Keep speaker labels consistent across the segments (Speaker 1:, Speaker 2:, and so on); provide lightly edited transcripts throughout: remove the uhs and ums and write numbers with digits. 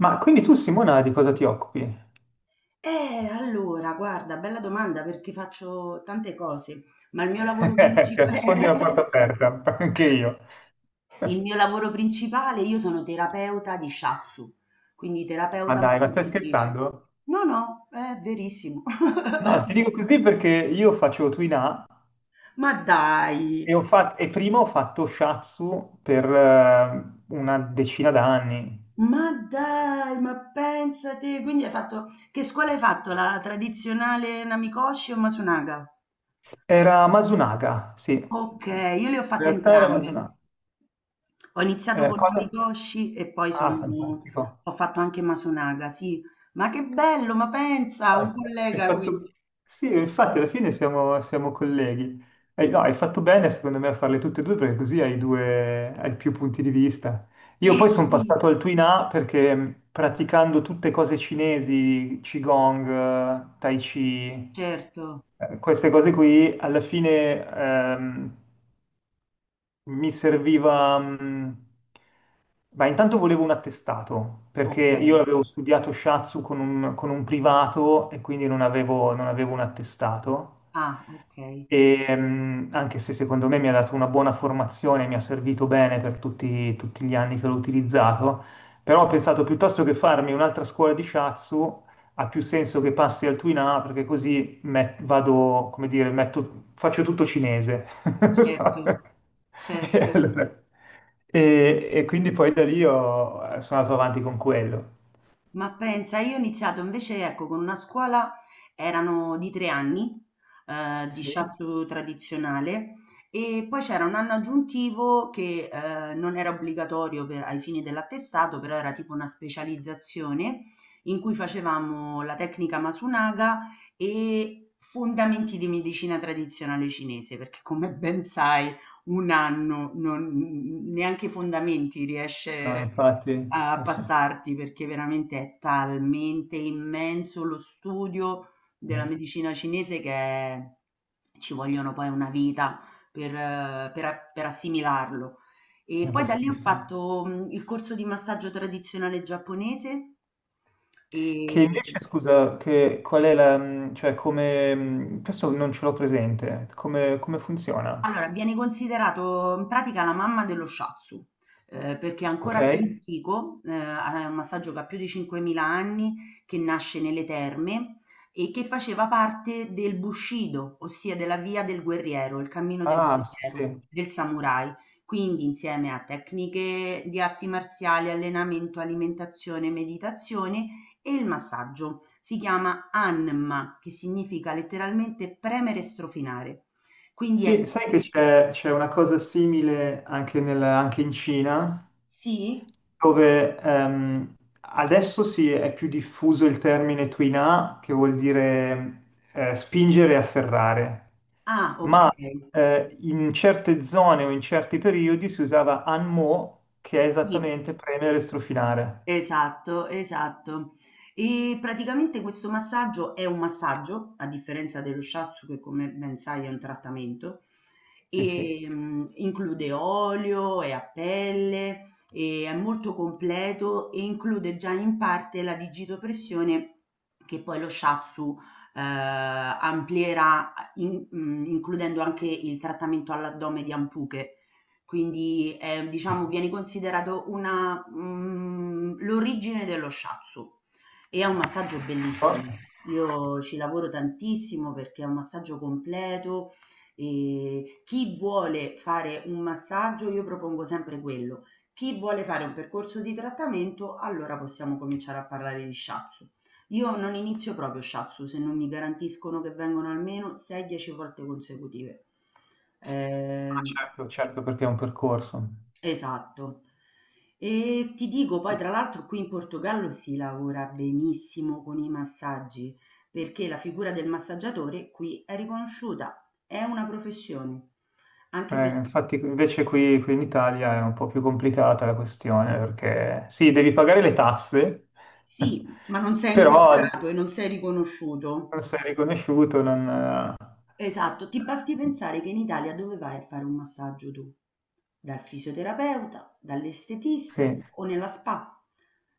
Speaker 1: Ma quindi tu, Simona, di cosa ti occupi?
Speaker 2: Allora, guarda, bella domanda perché faccio tante cose, ma il mio lavoro
Speaker 1: Cioè,
Speaker 2: principale,
Speaker 1: sfondi una porta aperta, anche io.
Speaker 2: il mio lavoro principale, io sono terapeuta di shiatsu, quindi
Speaker 1: Ma
Speaker 2: terapeuta
Speaker 1: dai, ma stai
Speaker 2: massaggiatrice.
Speaker 1: scherzando?
Speaker 2: No, no, è verissimo.
Speaker 1: No, ti dico così perché io faccio Twina
Speaker 2: Ma dai,
Speaker 1: e, ho fatto, e prima ho fatto Shatsu per una decina d'anni.
Speaker 2: ma dai, ma pensate, quindi hai fatto, che scuola hai fatto? La tradizionale Namikoshi o Masunaga?
Speaker 1: Era Masunaga, sì.
Speaker 2: Ok,
Speaker 1: In
Speaker 2: io le ho fatte
Speaker 1: realtà era
Speaker 2: entrambe.
Speaker 1: Masunaga.
Speaker 2: Ho iniziato con
Speaker 1: Cosa?
Speaker 2: l'amigoshi e poi
Speaker 1: Ah,
Speaker 2: sono
Speaker 1: fantastico.
Speaker 2: ho fatto anche Masunaga, sì. Ma che bello, ma pensa,
Speaker 1: No, Hai
Speaker 2: un
Speaker 1: hai
Speaker 2: collega qui.
Speaker 1: fatto... Sì, infatti alla fine siamo colleghi. Hai, no, hai fatto bene secondo me a farle tutte e due perché così hai due, hai più punti di vista. Io
Speaker 2: Eh
Speaker 1: poi sono
Speaker 2: sì,
Speaker 1: passato al Twin A perché praticando tutte cose cinesi, Qigong, Tai Chi,
Speaker 2: certo.
Speaker 1: queste cose qui, alla fine mi serviva... Beh, intanto volevo un attestato, perché
Speaker 2: Okay.
Speaker 1: io avevo studiato shatsu con un privato e quindi non avevo un attestato.
Speaker 2: Ah, okay.
Speaker 1: E, anche se secondo me mi ha dato una buona formazione, mi ha servito bene per tutti gli anni che l'ho utilizzato, però ho pensato piuttosto che farmi un'altra scuola di shatsu, ha più senso che passi al Twin A perché così vado, come dire, faccio tutto cinese. Sai?
Speaker 2: Certo,
Speaker 1: E,
Speaker 2: certo.
Speaker 1: allora- e quindi poi da lì sono andato avanti con quello.
Speaker 2: Ma pensa, io ho iniziato invece, ecco, con una scuola, erano di 3 anni, di
Speaker 1: Sì,
Speaker 2: shiatsu tradizionale, e poi c'era un anno aggiuntivo che non era obbligatorio per- ai fini dell'attestato, però era tipo una specializzazione in cui facevamo la tecnica Masunaga e fondamenti di medicina tradizionale cinese, perché come ben sai, un anno non, neanche i fondamenti
Speaker 1: no,
Speaker 2: riesce
Speaker 1: infatti,
Speaker 2: a
Speaker 1: eh sì,
Speaker 2: passarti, perché veramente è talmente immenso lo studio della
Speaker 1: è
Speaker 2: medicina cinese che ci vogliono poi una vita per assimilarlo. E
Speaker 1: è
Speaker 2: poi da lì ho
Speaker 1: vastissimo.
Speaker 2: fatto il corso di massaggio tradizionale giapponese
Speaker 1: Che
Speaker 2: e
Speaker 1: invece, scusa, che qual è la, cioè come, questo non ce l'ho presente, come, come funziona?
Speaker 2: Allora, viene considerato in pratica la mamma dello shiatsu, perché è
Speaker 1: Ok?
Speaker 2: ancora più antico, ha è un massaggio che ha più di 5.000 anni, che nasce nelle terme e che faceva parte del Bushido, ossia della via del guerriero, il cammino del
Speaker 1: Ah, sì,
Speaker 2: guerriero,
Speaker 1: sì.
Speaker 2: del samurai. Quindi insieme a tecniche di arti marziali, allenamento, alimentazione, meditazione e il massaggio. Si chiama Anma, che significa letteralmente premere e strofinare. Quindi è
Speaker 1: Sì, sai che c'è una cosa simile anche, anche in Cina,
Speaker 2: Sì?
Speaker 1: dove adesso sì, è più diffuso il termine tuina, che vuol dire spingere e afferrare,
Speaker 2: Ah,
Speaker 1: ma
Speaker 2: okay.
Speaker 1: in certe zone o in certi periodi si usava anmo, che è
Speaker 2: Sì,
Speaker 1: esattamente premere e strofinare.
Speaker 2: esatto, esatto. E praticamente questo massaggio è un massaggio, a differenza dello shiatsu che come ben sai è un trattamento,
Speaker 1: Sì, sì.
Speaker 2: include olio, è a pelle, e è molto completo e include già in parte la digitopressione che poi lo shiatsu, ehm, amplierà includendo anche il trattamento all'addome di Ampuché. Quindi, diciamo viene considerato l'origine dello shiatsu e è un massaggio bellissimo.
Speaker 1: Forza.
Speaker 2: Io ci lavoro tantissimo perché è un massaggio completo e chi vuole fare un massaggio io propongo sempre quello. Chi vuole fare un percorso di trattamento, allora possiamo cominciare a parlare di shiatsu. Io non inizio proprio shiatsu se non mi garantiscono che vengono almeno 6-10 volte consecutive.
Speaker 1: Ah,
Speaker 2: Ehm
Speaker 1: certo, certo, perché è un percorso.
Speaker 2: Esatto. E ti dico poi tra l'altro qui in Portogallo si lavora benissimo con i massaggi, perché la figura del massaggiatore qui è riconosciuta, è una professione. Anche per...
Speaker 1: Infatti invece qui, qui in Italia è un po' più complicata la questione perché sì, devi pagare le tasse,
Speaker 2: Sì, ma non sei
Speaker 1: però
Speaker 2: inquadrato e non sei
Speaker 1: non
Speaker 2: riconosciuto.
Speaker 1: sei riconosciuto, non...
Speaker 2: Esatto, ti basti pensare che in Italia dove vai a fare un massaggio tu? Dal fisioterapeuta, dall'estetista
Speaker 1: sì,
Speaker 2: o nella spa?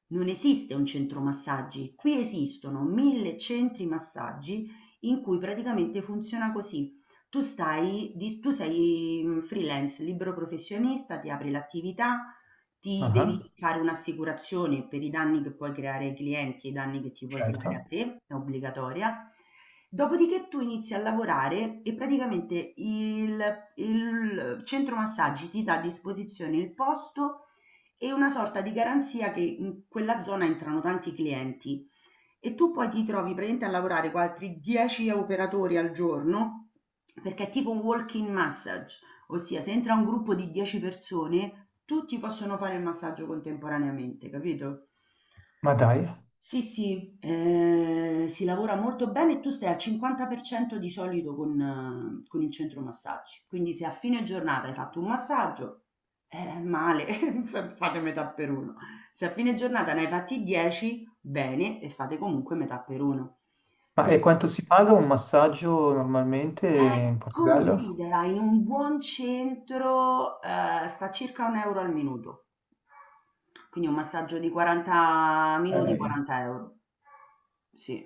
Speaker 2: Non esiste un centro massaggi, qui esistono mille centri massaggi in cui praticamente funziona così. Tu sei freelance, libero professionista, ti apri l'attività, ti devi
Speaker 1: ah,
Speaker 2: fare un'assicurazione per i danni che puoi creare ai clienti e i danni che ti puoi creare a
Speaker 1: certo.
Speaker 2: te, è obbligatoria. Dopodiché tu inizi a lavorare e praticamente il centro massaggi ti dà a disposizione il posto e una sorta di garanzia che in quella zona entrano tanti clienti e tu poi ti trovi praticamente a lavorare con altri 10 operatori al giorno perché è tipo un walk-in massage. Ossia, se entra un gruppo di 10 persone, tutti possono fare il massaggio contemporaneamente, capito?
Speaker 1: Ma dai,
Speaker 2: Sì, sì, si lavora molto bene e tu stai al 50% di solito con il centro massaggi. Quindi se a fine giornata hai fatto un massaggio, male, fate metà per uno. Se a fine giornata ne hai fatti 10, bene, e fate comunque metà per uno.
Speaker 1: ma e
Speaker 2: Quindi,
Speaker 1: quanto si paga un massaggio normalmente
Speaker 2: Eh,
Speaker 1: in Portogallo?
Speaker 2: considera in un buon centro, sta circa 1 € al minuto. Quindi un massaggio di 40 minuti,
Speaker 1: Eh,
Speaker 2: 40 €. Sì.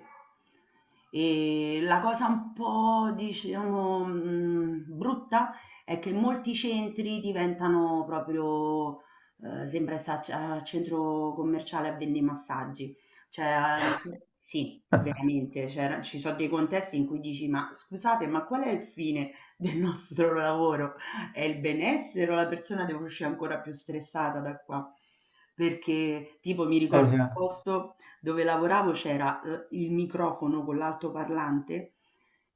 Speaker 2: E la cosa un po' diciamo, brutta è che molti centri diventano proprio, sembra sta c a centro commerciale a vende i massaggi. Cioè, sì, veramente, c'era ci so' dei contesti in cui dici: "Ma scusate, ma qual è il fine del nostro lavoro? È il benessere o la persona deve uscire ancora più stressata da qua?" Perché tipo mi
Speaker 1: eh
Speaker 2: ricordo un
Speaker 1: già.
Speaker 2: posto dove lavoravo c'era, il microfono con l'altoparlante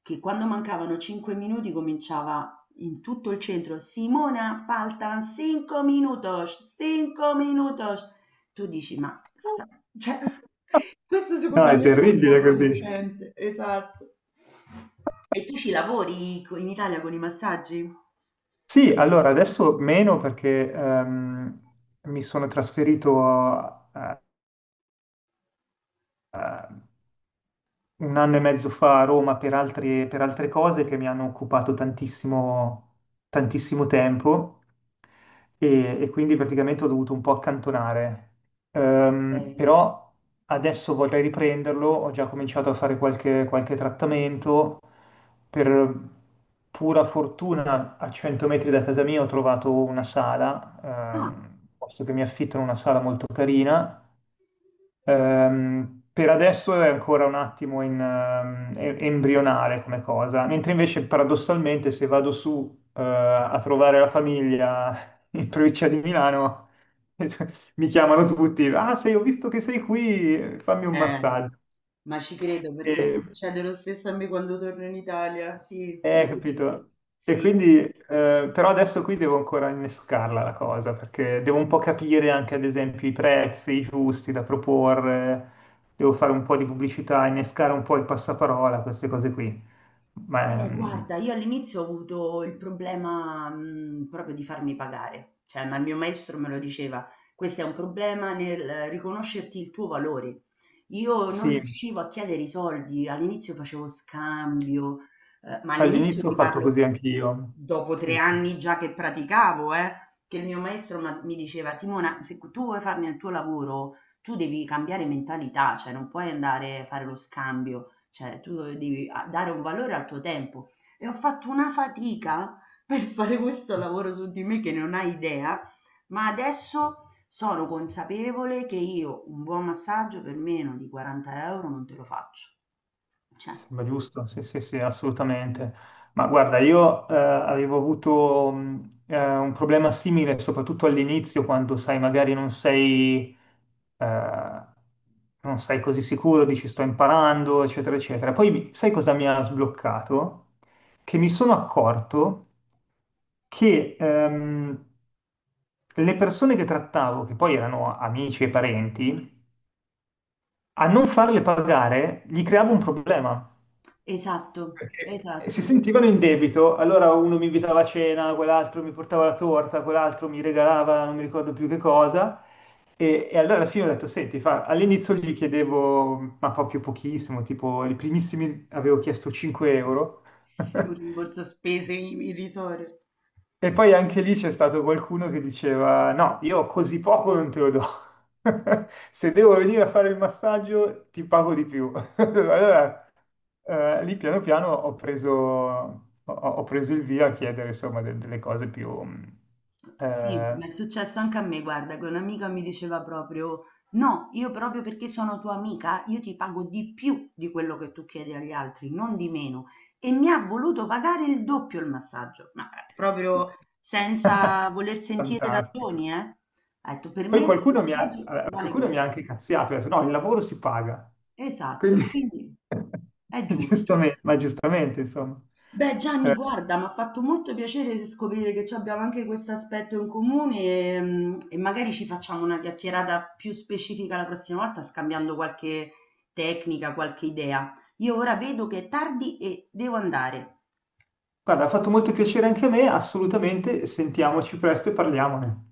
Speaker 2: che quando mancavano 5 minuti cominciava in tutto il centro: "Simona faltan cinco minutos, cinco minutos". Tu dici, sta- cioè, questo
Speaker 1: No,
Speaker 2: secondo
Speaker 1: è
Speaker 2: me è
Speaker 1: terribile così.
Speaker 2: controproducente, esatto. E tu ci lavori co- in Italia con i massaggi?
Speaker 1: Sì, allora adesso meno perché mi sono trasferito a, un anno e mezzo fa a Roma per per altre cose che mi hanno occupato tantissimo, tantissimo tempo e quindi praticamente ho dovuto un po' accantonare.
Speaker 2: Ok.
Speaker 1: Però adesso vorrei riprenderlo, ho già cominciato a fare qualche trattamento. Per pura fortuna a 100 metri da casa mia ho trovato una sala,
Speaker 2: Ah,
Speaker 1: posto che mi affittano una sala molto carina. Per adesso è ancora un attimo in, embrionale come cosa, mentre invece paradossalmente se vado su, a trovare la famiglia in provincia di Milano, mi chiamano tutti, ah, sei, ho visto che sei qui, fammi un
Speaker 2: eh,
Speaker 1: massaggio.
Speaker 2: ma ci credo perché
Speaker 1: E
Speaker 2: succede lo stesso a me quando torno in Italia, sì.
Speaker 1: eh, capito. E
Speaker 2: Sì.
Speaker 1: quindi, però adesso qui devo ancora innescarla la cosa, perché devo un po' capire anche, ad esempio, i prezzi giusti da proporre, devo fare un po' di pubblicità, innescare un po' il passaparola, queste cose qui. Ma
Speaker 2: Guarda, io all'inizio ho avuto il problema, proprio di farmi pagare, cioè, ma il mio maestro me lo diceva: "Questo è un problema nel riconoscerti il tuo valore". Io non
Speaker 1: sì,
Speaker 2: riuscivo a chiedere i soldi, all'inizio facevo scambio, ma all'inizio
Speaker 1: all'inizio ho
Speaker 2: ti
Speaker 1: fatto
Speaker 2: parlo
Speaker 1: così anch'io.
Speaker 2: dopo
Speaker 1: Sì,
Speaker 2: 3
Speaker 1: sì.
Speaker 2: anni già che praticavo, che il mio maestro m'ha mi diceva: "Simona, se tu vuoi farne il tuo lavoro, tu devi cambiare mentalità, cioè non puoi andare a fare lo scambio". Cioè, tu devi dare un valore al tuo tempo. E ho fatto una fatica per fare questo lavoro su di me che non hai idea, ma adesso sono consapevole che io un buon massaggio per meno di 40 € non te lo faccio. Cioè,
Speaker 1: Sembra giusto, sì, sì, sì, assolutamente. Ma guarda, io avevo avuto un problema simile, soprattutto all'inizio, quando sai, magari non sei, eh, non sei così sicuro, dici sto imparando, eccetera, eccetera. Poi sai cosa mi ha sbloccato? Che mi sono accorto che le persone che trattavo, che poi erano amici e parenti, a non farle pagare gli creavo un problema.
Speaker 2: esatto,
Speaker 1: Perché si
Speaker 2: esatto.
Speaker 1: sentivano in debito, allora uno mi invitava a cena, quell'altro mi portava la torta, quell'altro mi regalava non mi ricordo più che cosa. E allora alla fine ho detto, senti, fa, all'inizio gli chiedevo, ma proprio pochissimo, tipo i primissimi avevo chiesto 5 euro.
Speaker 2: Sì, un rimborso spese irrisorio.
Speaker 1: E poi anche lì c'è stato qualcuno che diceva, no, io così poco non te lo do. Se devo venire a fare il massaggio, ti pago di più. Allora lì piano piano ho preso, ho preso il via a chiedere insomma delle cose più...
Speaker 2: Sì, mi
Speaker 1: eh,
Speaker 2: è successo anche a me, guarda, che un'amica mi diceva proprio: No, io proprio perché sono tua amica, io ti pago di più di quello che tu chiedi agli altri, non di meno. E mi ha voluto pagare il doppio il massaggio, ma
Speaker 1: sì.
Speaker 2: proprio senza voler sentire
Speaker 1: Fantastico.
Speaker 2: ragioni, eh. Ha detto: Per
Speaker 1: Poi
Speaker 2: me il tuo massaggio vale
Speaker 1: qualcuno mi ha
Speaker 2: questo.
Speaker 1: anche cazziato, ha detto no, il lavoro si paga.
Speaker 2: Esatto,
Speaker 1: Quindi,
Speaker 2: quindi è giusto.
Speaker 1: giustamente, ma giustamente, insomma.
Speaker 2: Beh
Speaker 1: Eh,
Speaker 2: Gianni, guarda, mi ha fatto molto piacere scoprire che ci abbiamo anche questo aspetto in comune e magari ci facciamo una chiacchierata più specifica la prossima volta, scambiando qualche tecnica, qualche idea. Io ora vedo che è tardi e devo andare.
Speaker 1: guarda, ha fatto molto piacere anche a me, assolutamente, sentiamoci presto e parliamone.